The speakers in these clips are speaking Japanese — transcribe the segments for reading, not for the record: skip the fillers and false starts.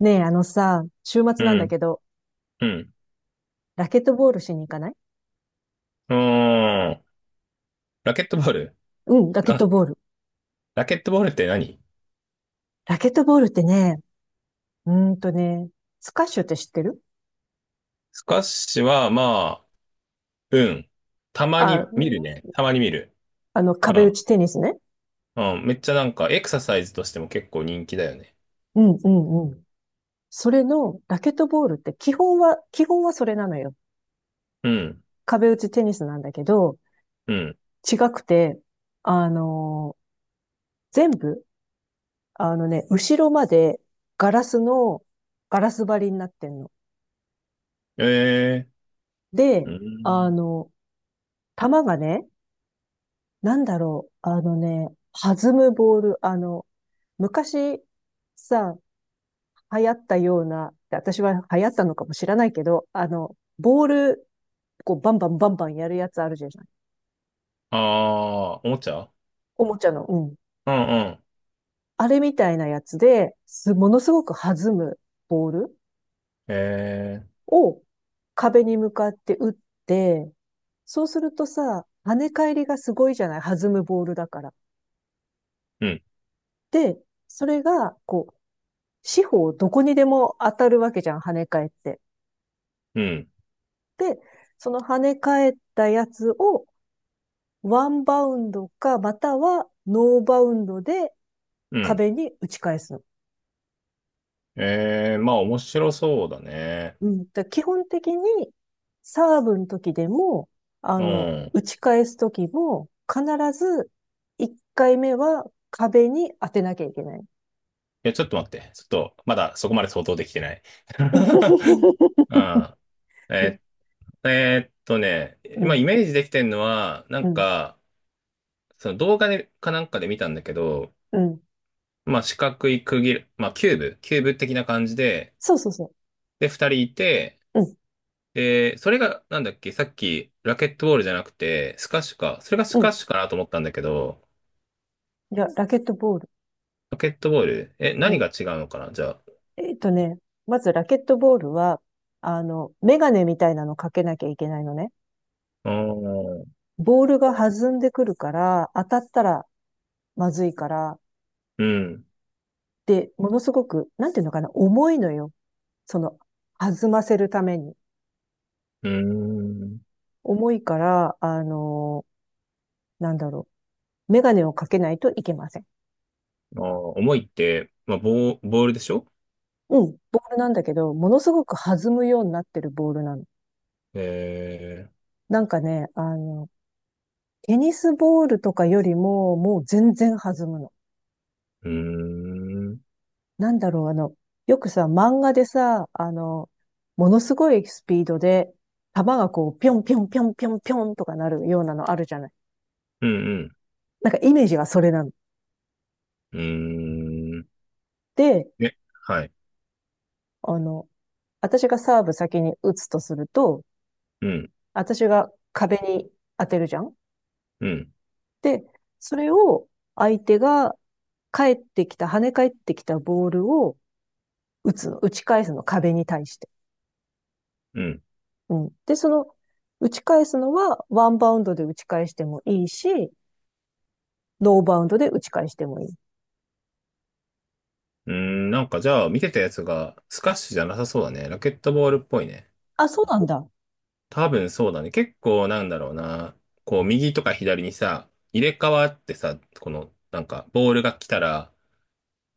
ねえ、あのさ、週末うなんだん、けど、うん。ラケットボールしに行かない？うーん。ラケットボール。うん、ラケッあ、トボール。ラケットボールって何？ラケットボールってね、うーんとね、スカッシュって知ってる？スカッシュは、まあ、うん。たまあ、に見るね。たまに見る。あの、う壁打ん。ちテニスね。うん。めっちゃなんか、エクササイズとしても結構人気だよね。うん、うん、うん。それの、ラケットボールって基本はそれなのよ。うん。壁打ちテニスなんだけど、うん。違くて、あのー全部、あのね、後ろまでガラスの、ガラス張りになってんの。ええー。で、うあん。の、球がね、なんだろう。あのね、弾むボール。あの、昔さ、流行ったような、私は流行ったのかもしれないけど、あの、ボール、こう、バンバンバンバンやるやつあるじゃない。ああ、おもちゃ。おもちゃの。うん。うんうん。あれみたいなやつで、ものすごく弾むボールええを壁に向かって打って、そうするとさ、跳ね返りがすごいじゃない、弾むボールだから。ー。うん。で、それが、こう、四方どこにでも当たるわけじゃん、跳ね返って。うん。その跳ね返ったやつをワンバウンドか、またはノーバウンドでうん。壁に打ち返すの。ええー、まあ、面白そうだね。うん。だ、基本的にサーブの時でも、あうの、ん。い打ち返す時も、必ず1回目は壁に当てなきゃいけない。や、ちょっと待って。ちょっと、まだそこまで想像できてない。うん。ええーっとね、う今イん、メージできてるのは、なんうん、か、その動画でかなんかで見たんだけど、うん。まあ四角い区切る、まあキューブ、キューブ的な感じで、そうそうそで、二人いて、う。うん、で、それが、なんだっけ、さっきラケットボールじゃなくて、スカッシュか。それがスうカッん。シュかなと思ったんだけど、じゃあ、ラケットボール。ラケットボール、え、う何ん。が違うのかな、じゃあ。えっとね、まずラケットボールは、あの、メガネみたいなのかけなきゃいけないのね。あー、ボールが弾んでくるから、当たったらまずいから、うん、で、ものすごく、なんていうのかな、重いのよ。その、弾ませるために。うーん。重いから、あの、なんだろう、メガネをかけないといけません。あー、重いって、まあ、ボー、ボールでしょ？うん、ボールなんだけど、ものすごく弾むようになってるボールなの。えなんかね、あの、テニスボールとかよりも、もう全然弾むの。ー、うーん、うん、なんだろう、あの、よくさ、漫画でさ、あの、ものすごいスピードで、弾がこう、ぴょんぴょんぴょんぴょんぴょんとかなるようなのあるじゃない。うん、なんかイメージがそれなの。うーん。で、え、はい。あの、私がサーブ先に打つとすると、うん、私が壁に当てるじゃん。うん、で、それを相手が返ってきた、跳ね返ってきたボールを打つの、打ち返すの、壁に対して。うん。うん。で、その、打ち返すのはワンバウンドで打ち返してもいいし、ノーバウンドで打ち返してもいい。うーん、なんかじゃあ見てたやつがスカッシュじゃなさそうだね。ラケットボールっぽいね。あ、そうなんだ。多分そうだね。結構なんだろうな。こう右とか左にさ、入れ替わってさ、このなんかボールが来たら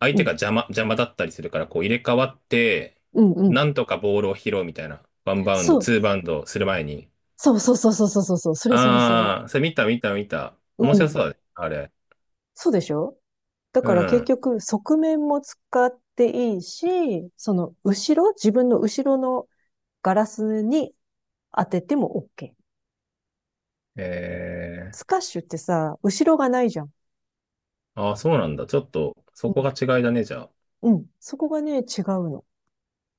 相う手がん邪魔、邪魔だったりするからこう入れ替わって、うん。うん、なんとかボールを拾うみたいな。ワンバウンド、そう。ツーバウンドする前に。そうそうそうそうそうそうそう。それそれそれ。あー、それ見た見た見た。う面白ん。そうだね。あれ。そうでしょ？だうから結ん。局、側面も使っていいし、その後ろ、自分の後ろのガラスに当てても OK。えスー、カッシュってさ、後ろがないじゃん。ああ、そうなんだ。ちょっと、うそこがん。違いだね、じゃあ。うん。そこがね、違うの。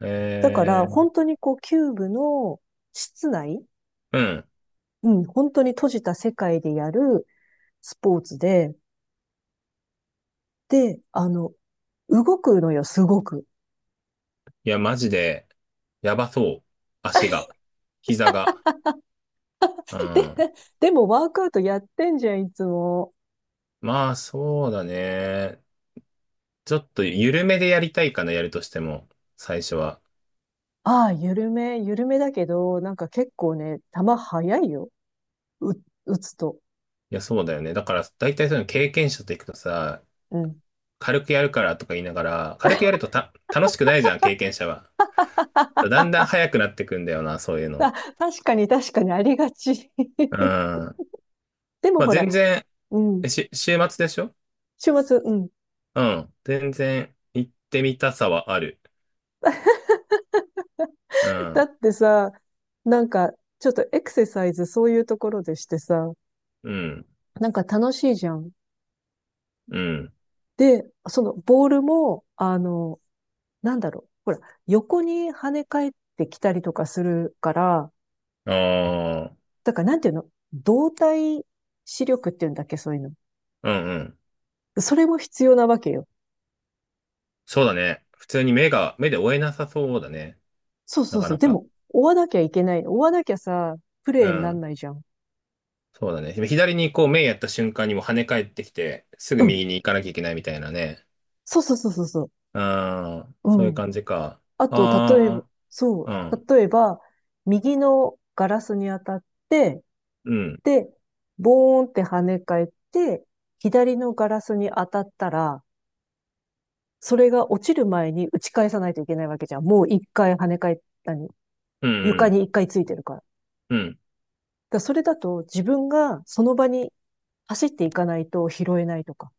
えだから、ー、本当にこう、キューブの室内、うん。うん、本当に閉じた世界でやるスポーツで、で、あの、動くのよ、すごく。いや、マジで、やばそう。足 が。膝が。うで、ん。でもワークアウトやってんじゃん、いつも。まあ、そうだね。ちょっと、緩めでやりたいかな、やるとしても。最初は。ああ、緩めだけど、なんか結構ね、球速いよ。う、打つと。いや、そうだよね。だから、大体そういうの経験者と行くとさ、うん。軽くやるからとか言いながら、軽くやるとた、楽しくないじゃん、経験者は。だん だん速くなってくんだよな、そういうあ、の。確かにありがち。うん。までもあ、ほら、全然、うん。えし、週末でしょ？週末、うん。うん。全然行ってみたさはある。うだん。ってさ、なんか、ちょっとエクササイズそういうところでしてさ、うん。なんか楽しいじゃん。うん。で、そのボールも、あの、なんだろう。ほら、横に跳ね返ってきたりとかするから、ああ。だからなんていうの、動体視力っていうんだっけ、そういうの。うんうん。それも必要なわけよ。そうだね。普通に目が、目で追えなさそうだね。そうそなうかそなう。でか。も、追わなきゃいけない。追わなきゃさ、プうレイになんん。ないじゃん。そうだね。左にこう目やった瞬間にもう跳ね返ってきて、すぐうん。右に行かなきゃいけないみたいなね。そうそうそうそうそああ。う。そういううん。感じか。あと、例えば、ああ。そうん。う。例えば、右のガラスに当たって、うん。で、ボーンって跳ね返って、左のガラスに当たったら、それが落ちる前に打ち返さないといけないわけじゃん。もう一回跳ね返ったりうんう床ん。に一回ついてるから。だかうん。らそれだと自分がその場に走っていかないと拾えないとか。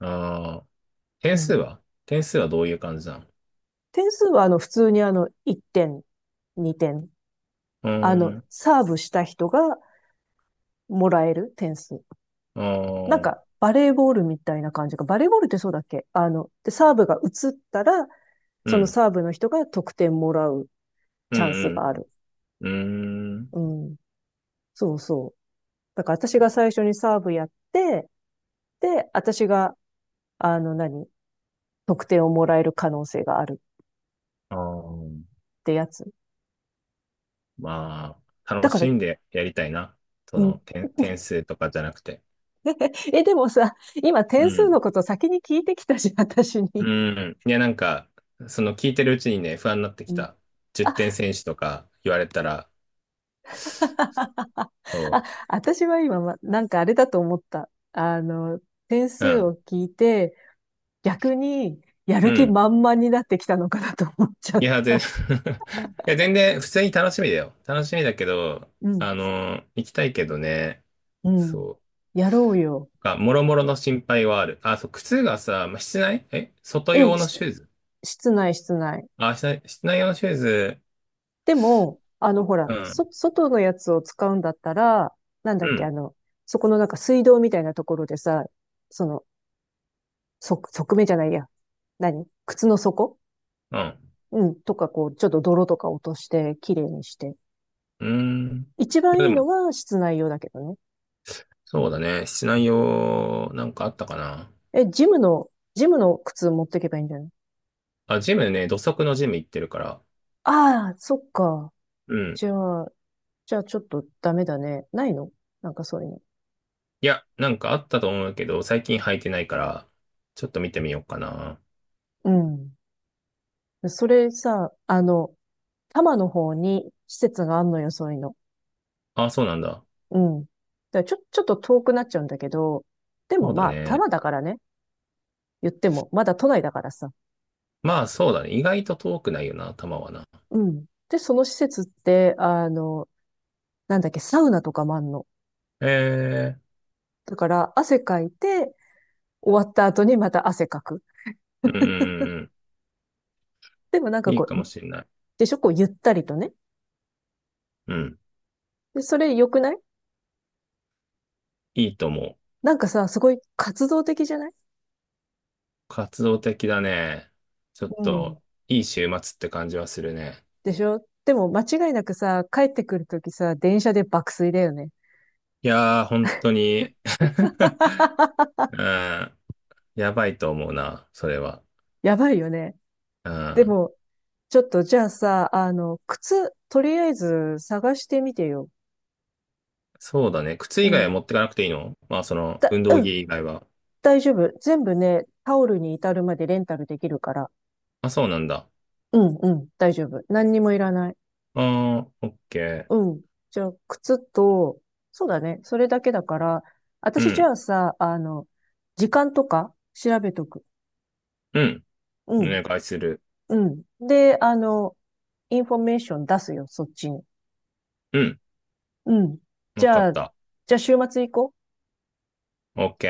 ああ。点う数ん。は？どういう感じなの？点数はあの普通にあの1点、2点。うあの、ーん。サーブした人がもらえる点数。あなんかあ。バレーボールみたいな感じか。バレーボールってそうだっけ、あの、で、サーブが移ったら、うそのん。サーブの人が得点もらううチャンスんがある。うん。うーん。うん。そうそう。だから私が最初にサーブやって、で、私が、あの何、得点をもらえる可能性があるあー、ってやつ。まあ、だ楽から、しんでやりたいな。そうの、ん。点、点 数とかじゃなくて。え、でもさ、今う点数ん。のこと先に聞いてきたし、私うに。ん。いや、なんか、その聞いてるうちにね、不安になってきうん。た。10点あ、選手とか言われたら、あ、そ私は今、ま、なんかあれだと思った。あの、点う。う数ん。を聞いて、逆にやうる気ん。満々になってきたのかなと思っちゃいっや、た。全 いや、全然、普通に楽しみだよ。楽しみだけど、うん。あの、行きたいけどね。うん。そう。やろうよ。あ、もろもろの心配はある。あ、そう、靴がさ、まあ室内え、外う用ん。のし、シューズ、室内、室内。あ、室内、室内用のシューズ、でも、あの、ほら、うん、そ、外のやつを使うんだったら、なんだうっけ、ん、あの、そこのなんか水道みたいなところでさ、その、側面じゃないや。何、靴の底、うん、うん。とか、こう、ちょっと泥とか落として、綺麗にして。うーん。一番いでいも、のは室内用だけどね。そうだね。室内用、なんかあったかな。え、ジムの靴持ってけばいいんじゃない？あ、ジムね、土足のジム行ってるから。ああ、そっか。うん。じゃあ、じゃあちょっとダメだね。ないの？なんかそういうの。いや、なんかあったと思うけど、最近履いてないから、ちょっと見てみようかな。うん。それさ、あの、多摩の方に施設があんのよ、そういうの。あ、そうなんだ。うん。だからちょっと遠くなっちゃうんだけど、でそもうだまあ、多ね。摩だからね、言っても、まだ都内だからさ。まあ、そうだね。意外と遠くないよな、球はな。うん。で、その施設って、あの、なんだっけ、サウナとかもあんの。ええ、だから、汗かいて、終わった後にまた汗かく。うんうんうん、でもなんうかん。いいこかもう、しれない。でしょ、こう、ゆったりとね。うん。で、それ良くない？いいと思う。なんかさ、すごい活動的じゃない？活動的だね。ちょっうん。と、いい週末って感じはするね。でしょ？でも、間違いなくさ、帰ってくるときさ、電車で爆睡だよね。いやー、本当に うん。やばいと思うな、それは。やばいよね。うでん。も、ちょっとじゃあさ、あの、靴、とりあえず探してみてよ。そうだね。靴う以外ん。は持ってかなくていいの？まあ、その、だ、運動う着ん、以外は。大丈夫。全部ね、タオルに至るまでレンタルできるから。あ、そうなんだ。うん、うん、大丈夫。何にもいらない。あー、オッケうー。ん。じゃあ、靴と、そうだね、それだけだから、う私じん。ゃあさ、あの、時間とか調べとく。うん。おうん、願いする。うん。で、あの、インフォメーション出すよ、そっちに。うん。うん。じわかゃっあ、た。じゃあ週末行こう。オッケ